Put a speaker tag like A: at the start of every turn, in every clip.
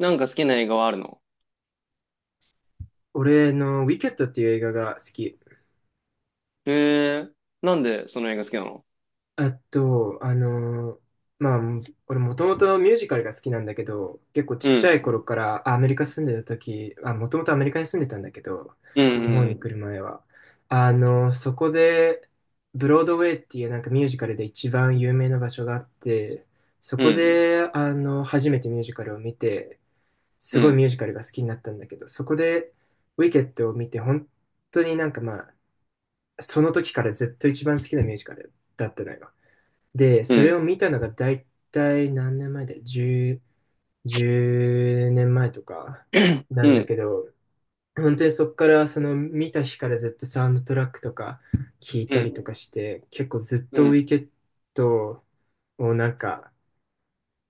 A: なんか好きな映画はあるの？
B: 俺の、ウィケットっていう映画が好き。
A: へえ。なんでその映画好きなの？
B: あと、まあ、俺もともとミュージカルが好きなんだけど、結構
A: う
B: ちっちゃい
A: ん。
B: 頃からアメリカ住んでた時、もともとアメリカに住んでたんだけど、
A: う
B: 日本に
A: ん。
B: 来る前は。そこで、ブロードウェイっていうなんかミュージカルで一番有名な場所があって、そ
A: う
B: こ
A: ん。
B: で、初めてミュージカルを見て、す
A: う
B: ごいミ
A: ん。
B: ュージカルが好きになったんだけど、そこで、ウィケットを見て、本当になんかまあ、その時からずっと一番好きなミュージカルだったのよ。で、
A: うん。
B: そ
A: う
B: れ
A: ん。
B: を見たのが大体何年前だよ。10、年前とかな
A: う
B: んだ
A: ん。
B: けど、本当にそこからその見た日からずっとサウンドトラックとか聞い
A: う
B: たりと
A: ん。
B: かして、結構ずっ
A: う
B: とウ
A: ん。
B: ィケットをなんか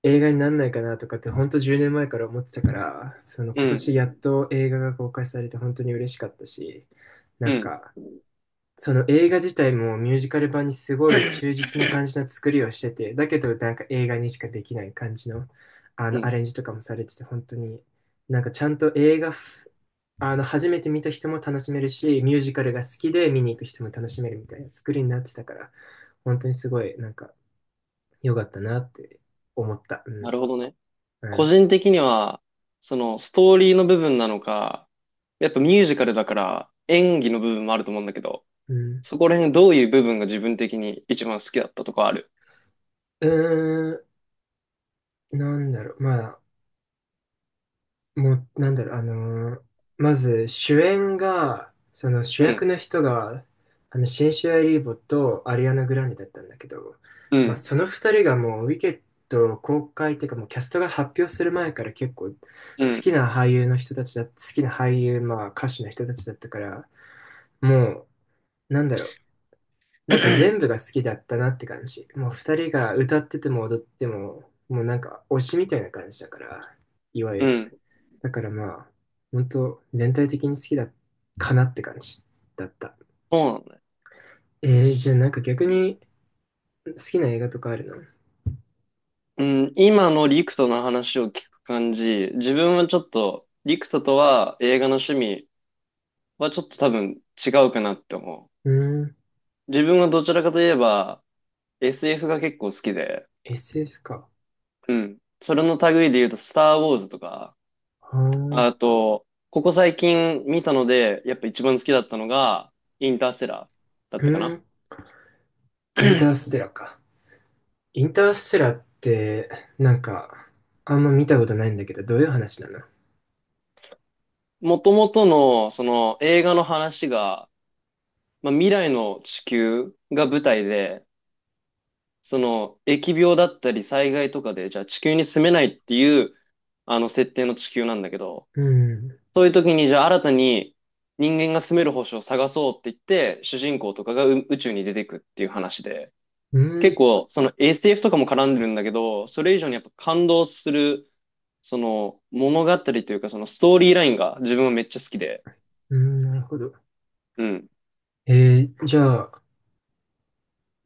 B: 映画になんないかなとかって本当10年前から思ってたから、その
A: う
B: 今年やっ
A: ん。
B: と映画が公開されて本当に嬉しかったし、なんかその映画自体もミュージカル版にすごい忠実な感じの作りをしてて、だけどなんか映画にしかできない感じの、
A: う
B: ア
A: ん。
B: レンジとかもされてて、本当になんかちゃんと映画ふ、あの初めて見た人も楽しめるし、ミュージカルが好きで見に行く人も楽しめるみたいな作りになってたから、本当にすごいなんか良かったなって思った。う
A: な
B: ん。
A: るほどね。
B: う
A: 個
B: ん。
A: 人的には、そのストーリーの部分なのか、やっぱミュージカルだから演技の部分もあると思うんだけど、
B: う
A: そこら辺どういう部分が自分的に一番好きだったとかある？
B: ん。うーん、なんだろう。まあもう、なんだろう、まず主演が、その主
A: う
B: 役
A: ん。
B: の人が、シンシア・リーボとアリアナ・グランデだったんだけど、
A: う
B: まあ、
A: ん。
B: その二人がもう、ウィケット公開っていうか、もうキャストが発表する前から結構、好
A: う
B: き
A: ん。
B: な俳優の人たちだ、好きな俳優、まあ、歌手の人たちだったから、もう、なんだろう、なんか全部が好きだったなって感じ。もう二人が歌ってても踊っても、もうなんか推しみたいな感じだから、いわゆ
A: うん。
B: る。だからまあ、本当全体的に好きだかなって感じだった。
A: そうなんだ。
B: じゃあなんか逆に好きな映画とかあるの？
A: うん、今のリクトの話を聞く感じ、自分はちょっと、リクトとは映画の趣味はちょっと多分違うかなって思
B: うーん、
A: う。自分はどちらかといえば SF が結構好きで、
B: SF か。
A: うん。それの類で言うと、スター・ウォーズとか、
B: あー、
A: あと、ここ最近見たので、やっぱ一番好きだったのが、インターステラーだ
B: う
A: ったか
B: ー
A: な。
B: ん、インターステラーか。インターステラーって、なんか、あんま見たことないんだけど、どういう話なの？
A: もともとの、その映画の話が、まあ、未来の地球が舞台で、その、疫病だったり災害とかで、じゃあ地球に住めないっていう、あの、設定の地球なんだけど、
B: うん、
A: そういう時に、じゃあ新たに人間が住める星を探そうって言って、主人公とかが宇宙に出てくっていう話で、
B: う
A: 結
B: ん、
A: 構、その SF とかも絡んでるんだけど、それ以上にやっぱ感動する、その、物語というか、そのストーリーラインが自分はめっちゃ好きで、
B: うん、なるほど。
A: うん。
B: じゃあ、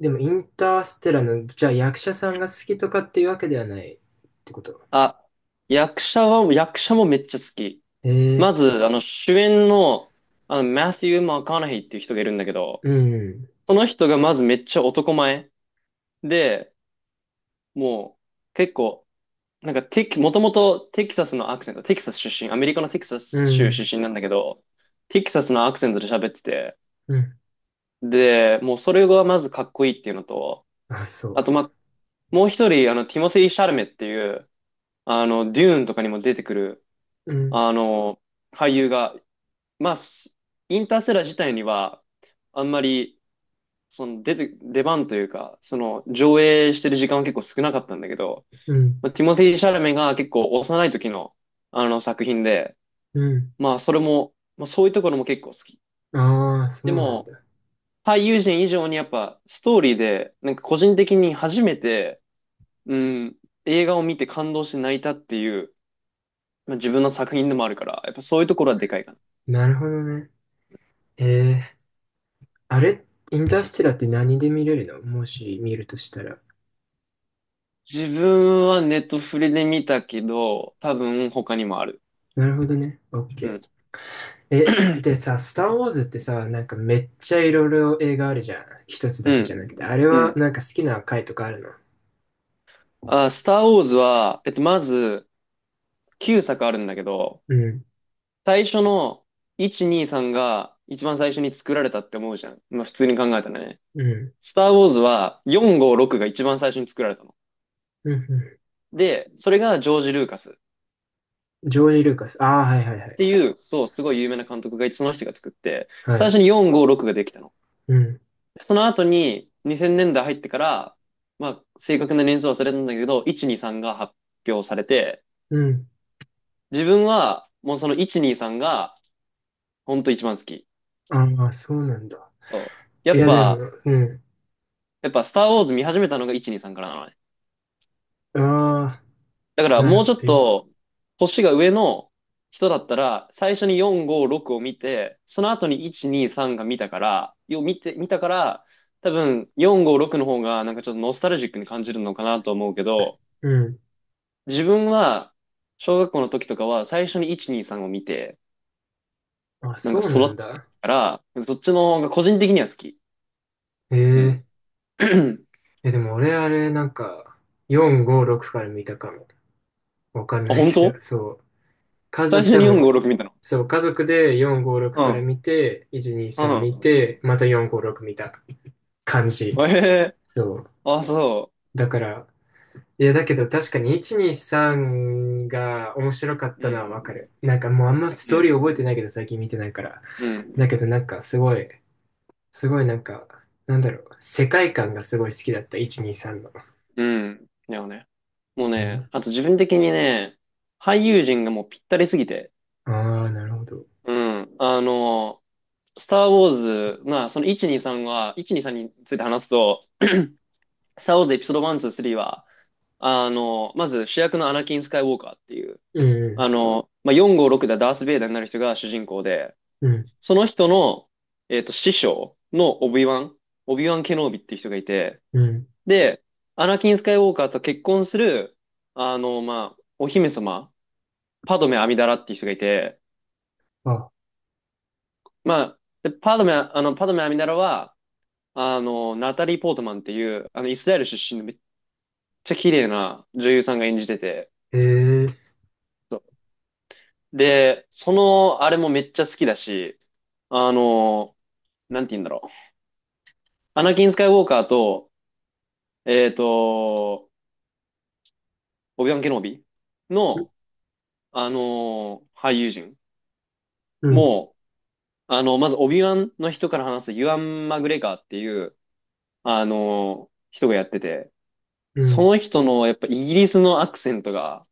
B: でもインターステラーの、じゃあ役者さんが好きとかっていうわけではないってこと。
A: あ、役者もめっちゃ好き。
B: えー、
A: まず、あの、主演の、あの、マティュー・マカナヒーっていう人がいるんだけど、
B: うん、
A: その人がまずめっちゃ男前で、もう、結構、なんかテキ、もともとテキサスのアクセント、テキサス出身、アメリカのテキサ
B: う
A: ス州
B: ん、
A: 出身なんだけど、テキサスのアクセントで喋ってて、
B: うん、
A: で、もうそれがまずかっこいいっていうのと、
B: あ、そ
A: あと、まあ、もう一人、あの、ティモシー・シャルメっていう、あの、デューンとかにも出てくる、
B: う。うん、
A: あの、俳優が、まあ、インターセラー自体には、あんまり、出番というか、その上映してる時間は結構少なかったんだけど、
B: うん、
A: まあ、ティモティ・シャラメが結構幼い時のあの作品で、
B: うん。
A: まあそれも、まあそういうところも結構好き。
B: ああ、そ
A: で
B: うなん
A: も、
B: だ。
A: 俳優陣以上にやっぱストーリーで、なんか個人的に初めて、うん、映画を見て感動して泣いたっていう、まあ、自分の作品でもあるから、やっぱそういうところはでかいかな。
B: なるほどね。えー、あれ、インターステラーって何で見れるの？もし見るとしたら。
A: 自分はネットフリで見たけど、多分他にもある。
B: なるほどね。オッ
A: う
B: ケー。
A: ん。
B: え、で さ、スター・ウォーズってさ、なんかめっちゃいろいろ映画あるじゃん。一つ
A: う
B: だけ
A: ん。
B: じゃなくて。あれ
A: う
B: は
A: ん。
B: なんか好きな回とかあるの？
A: あ、スター・ウォーズは、えっと、まず、9作あるんだけど、
B: うん、
A: 最初の1、2、3が一番最初に作られたって思うじゃん。まあ、普通に考えたらね。
B: うん、
A: スター・ウォーズは4、5、6が一番最初に作られたの。
B: うん、う
A: で、それがジョージ・ルーカスっ
B: ん。ジョージ・ルーカス。ああ、はいはいは
A: て
B: い。
A: いう、そう、すごい有名な監督がいて、その人が作って、
B: は
A: 最
B: い。
A: 初に4、5、6ができたの。
B: うん、
A: その後に2000年代入ってから、まあ、正確な年数は忘れたんだけど、1、2、3が発表されて、
B: うん。
A: 自分はもうその1、2、3が本当一番好き。
B: ああ、そうなんだ。
A: そうや
B: い
A: っ
B: や、で
A: ぱ、
B: も、うん。
A: やっぱスターウォーズ見始めたのが123からなのね。
B: ああ、
A: だから
B: なる
A: もう
B: ほ
A: ち
B: ど。
A: ょっ
B: え、
A: と、星が上の人だったら、最初に4、5、6を見て、その後に1、2、3が見たから、よ、見て、見たから、多分4、5、6の方がなんかちょっとノスタルジックに感じるのかなと思うけど、
B: うん。
A: 自分は、小学校の時とかは最初に1、2、3を見て、
B: あ、
A: なん
B: そ
A: か
B: うな
A: 育っ
B: ん
A: てき
B: だ。
A: たから、なんかそっちの方が個人的には好き。うん。
B: え、え え、でも俺あれ、なんか、4、5、6から見たかも。わかん
A: あ、
B: ない
A: 本
B: け
A: 当
B: ど、そう。家
A: 最
B: 族、
A: 初
B: 多
A: に4、5、
B: 分、
A: 6見たの？
B: そう、家族で4、5、6
A: う
B: から
A: ん。
B: 見て、1、2、
A: う
B: 3見
A: ん。
B: て、また4、5、6見た感じ。
A: ええ、
B: そう。
A: あ、そ
B: だから、いや、だけど確かに1、2、3が面白かっ
A: う。う
B: たのはわか
A: ん。
B: る。なんかもうあんまス
A: う
B: トーリー覚えてない
A: ん。
B: けど、最近見てないから。
A: う
B: だ
A: ん。
B: けどなんかすごい、すごいなんか、なんだろう、世界観がすごい好きだった、1、2、3の。
A: うん。だよね。もうね、あと自分的にね、俳優陣がもうぴったりすぎて。
B: ああ、なるほど。
A: うん。あの、スター・ウォーズ、まあ、1、2、3について話すと、スター・ウォーズエピソード1、2、3は、あの、まず主役のアナキン・スカイ・ウォーカーっていう、
B: う
A: あ
B: ん、
A: の、まあ、4、5、6でダース・ベイダーになる人が主人公で、
B: うん、
A: その人の、えっと、師匠のオビワン、オビワン・ケノービっていう人がいて、
B: うん。
A: で、アナキン・スカイウォーカーと結婚する、あの、まあ、お姫様、パドメ・アミダラっていう人がいて、
B: あ、
A: まあ、でパドメ・アミダラは、あの、ナタリー・ポートマンっていう、あの、イスラエル出身のめっちゃ綺麗な女優さんが演じてて、
B: へえ、
A: そうで、その、あれもめっちゃ好きだし、あの、なんて言うんだろう。アナキン・スカイウォーカーと、えっと、オビワン・ケノービ
B: う
A: の、あの、俳優陣
B: うん、
A: も、あの、まず、オビワンの人から話すユアン・マグレガーっていう、あの、人がやってて、
B: う
A: そ
B: ん。
A: の人の、やっぱイギリスのアクセントが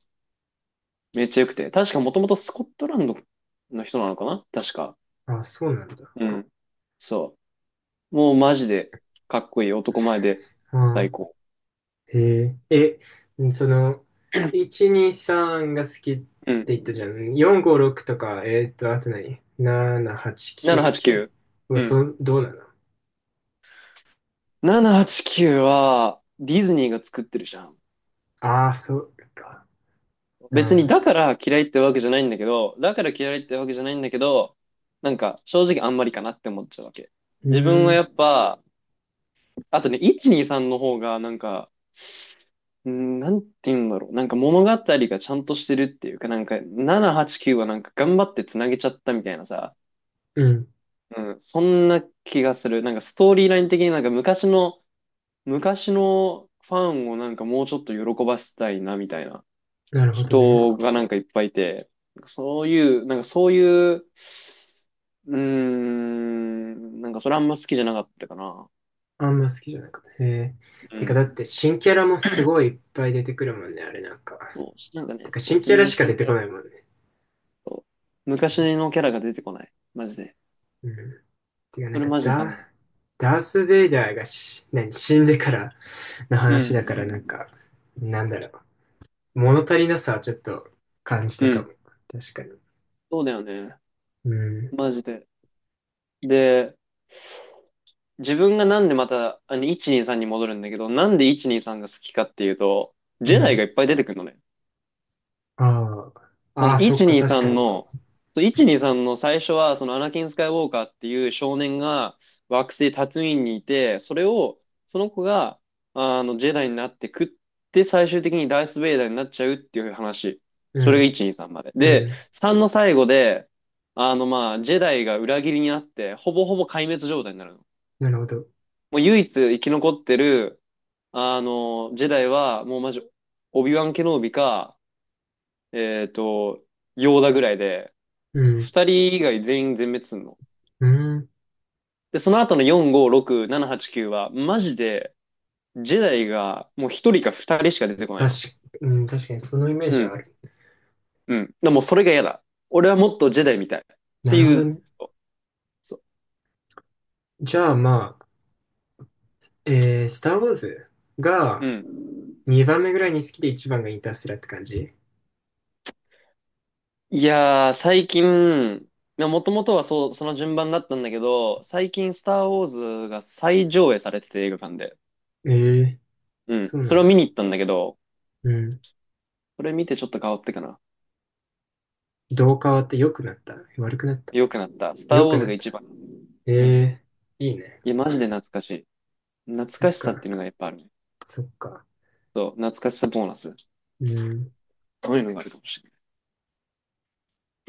A: めっちゃ良くて、確かもともとスコットランドの人なのかな確か。
B: あ、そうなんだ。
A: うん。そう。もうマジでかっこいい。男前で最
B: あ
A: 高。
B: ー、へえ。え、その、1、2、3が好きって
A: うん。
B: 言ったじゃん。4、5、6とか、あと何 ?7、8、9、
A: 789。
B: 9。
A: うん。
B: どうなの？
A: 789はちきゅうは、ディズニーが作ってるじゃん。
B: ああー、そうか。うん、
A: 別に
B: う
A: だから嫌いってわけじゃないんだけど、だから嫌いってわけじゃないんだけど、なんか正直あんまりかなって思っちゃうわけ。
B: ー
A: 自分はや
B: ん、
A: っぱ、あとね、1、2、3の方がなんか、うーん、なんて言うんだろう。なんか物語がちゃんとしてるっていうか、なんか7、8、9はなんか頑張ってつなげちゃったみたいなさ、
B: うん。
A: うん、そんな気がする。なんかストーリーライン的になんか昔のファンをなんかもうちょっと喜ばせたいなみたいな。
B: なるほどね。
A: 人がなんかいっぱいいて、そういう、なんかそういう、うーん、なんかそれあんま好きじゃなかったかな。
B: あんま好きじゃなかった。へえ。
A: う
B: てか、だっ
A: ん。
B: て新キャラもすごいいっぱい出てくるもんね、あれなんか。
A: そう、なんかね、
B: てか、
A: そう、
B: 新キャ
A: 全
B: ラ
A: 然
B: しか出
A: 新キ
B: て
A: ャ
B: こ
A: ラ
B: ないもんね。
A: と、昔のキャラが出てこない。マジで。
B: うん。てか、な
A: そ
B: ん
A: れ
B: か、
A: マジ残念。
B: ダース・ベイダーが何、死んでからの
A: う
B: 話だから、なん
A: ん。
B: か、なんだろう。物足りなさはちょっと感じ
A: う
B: たかも。
A: ん。
B: 確かに。
A: そうだよね。
B: うん。
A: マジで。で、自分がなんでまた、あの、123に戻るんだけど、なんで123が好きかっていうと、
B: う
A: ジェダイが
B: ん。
A: いっぱい出てくるのね。
B: ああ。
A: そ
B: あ
A: の
B: あ、そっか、確か
A: 123
B: に。
A: の、そう1 2の最初は、そのアナキン・スカイウォーカーっていう少年が惑星タツインにいて、それを、その子が、あの、ジェダイになってくって、最終的にダース・ベイダーになっちゃうっていう話。
B: う
A: それが
B: ん。
A: 123まで。
B: う
A: で、
B: ん。
A: 3の最後で、あの、まあ、ジェダイが裏切りにあって、ほぼほぼ壊滅状態になるの。
B: なるほど。
A: もう唯一生き残ってる、あの、ジェダイは、もうマジ、オビワン・ケノービか、えっと、ヨーダぐらいで、
B: うん。
A: 二人以外全員全滅すんの。
B: うん。
A: で、その後の4、5、6、7、8、9は、マジで、ジェダイがもう一人か二人しか出てこない
B: 確
A: の。
B: か、うん、確かに、そのイメー
A: う
B: ジはあ
A: ん。
B: る。
A: うん。だからもうそれが嫌だ。俺はもっとジェダイみたい。って
B: なるほ
A: い
B: ど
A: う
B: ね。
A: 人。そ
B: じゃあ、まあ、スター・ウォーズ
A: う。う
B: が
A: ん。
B: 2番目ぐらいに好きで1番がインターステラーって感じ？
A: いやー、最近、もともとはそう、その順番だったんだけど、最近、スター・ウォーズが再上映されてて映画館で。
B: ええ、
A: うん。
B: そうな
A: それ
B: ん
A: を見
B: だ。
A: に行ったんだけど、
B: うん。
A: それ見てちょっと変わってかな。
B: どう変わって？良くなった、悪くなった？
A: 良くなった。スター・
B: 良
A: ウォー
B: く
A: ズ
B: な
A: が
B: っ
A: 一
B: た。
A: 番。
B: え
A: うん。
B: え、いいね。
A: いや、マジで懐かしい。懐
B: そっ
A: かしさってい
B: か、
A: うのがやっぱあるね。
B: そっか。
A: そう、懐かしさボーナス。
B: うん。
A: そういうのがあるかもしれない。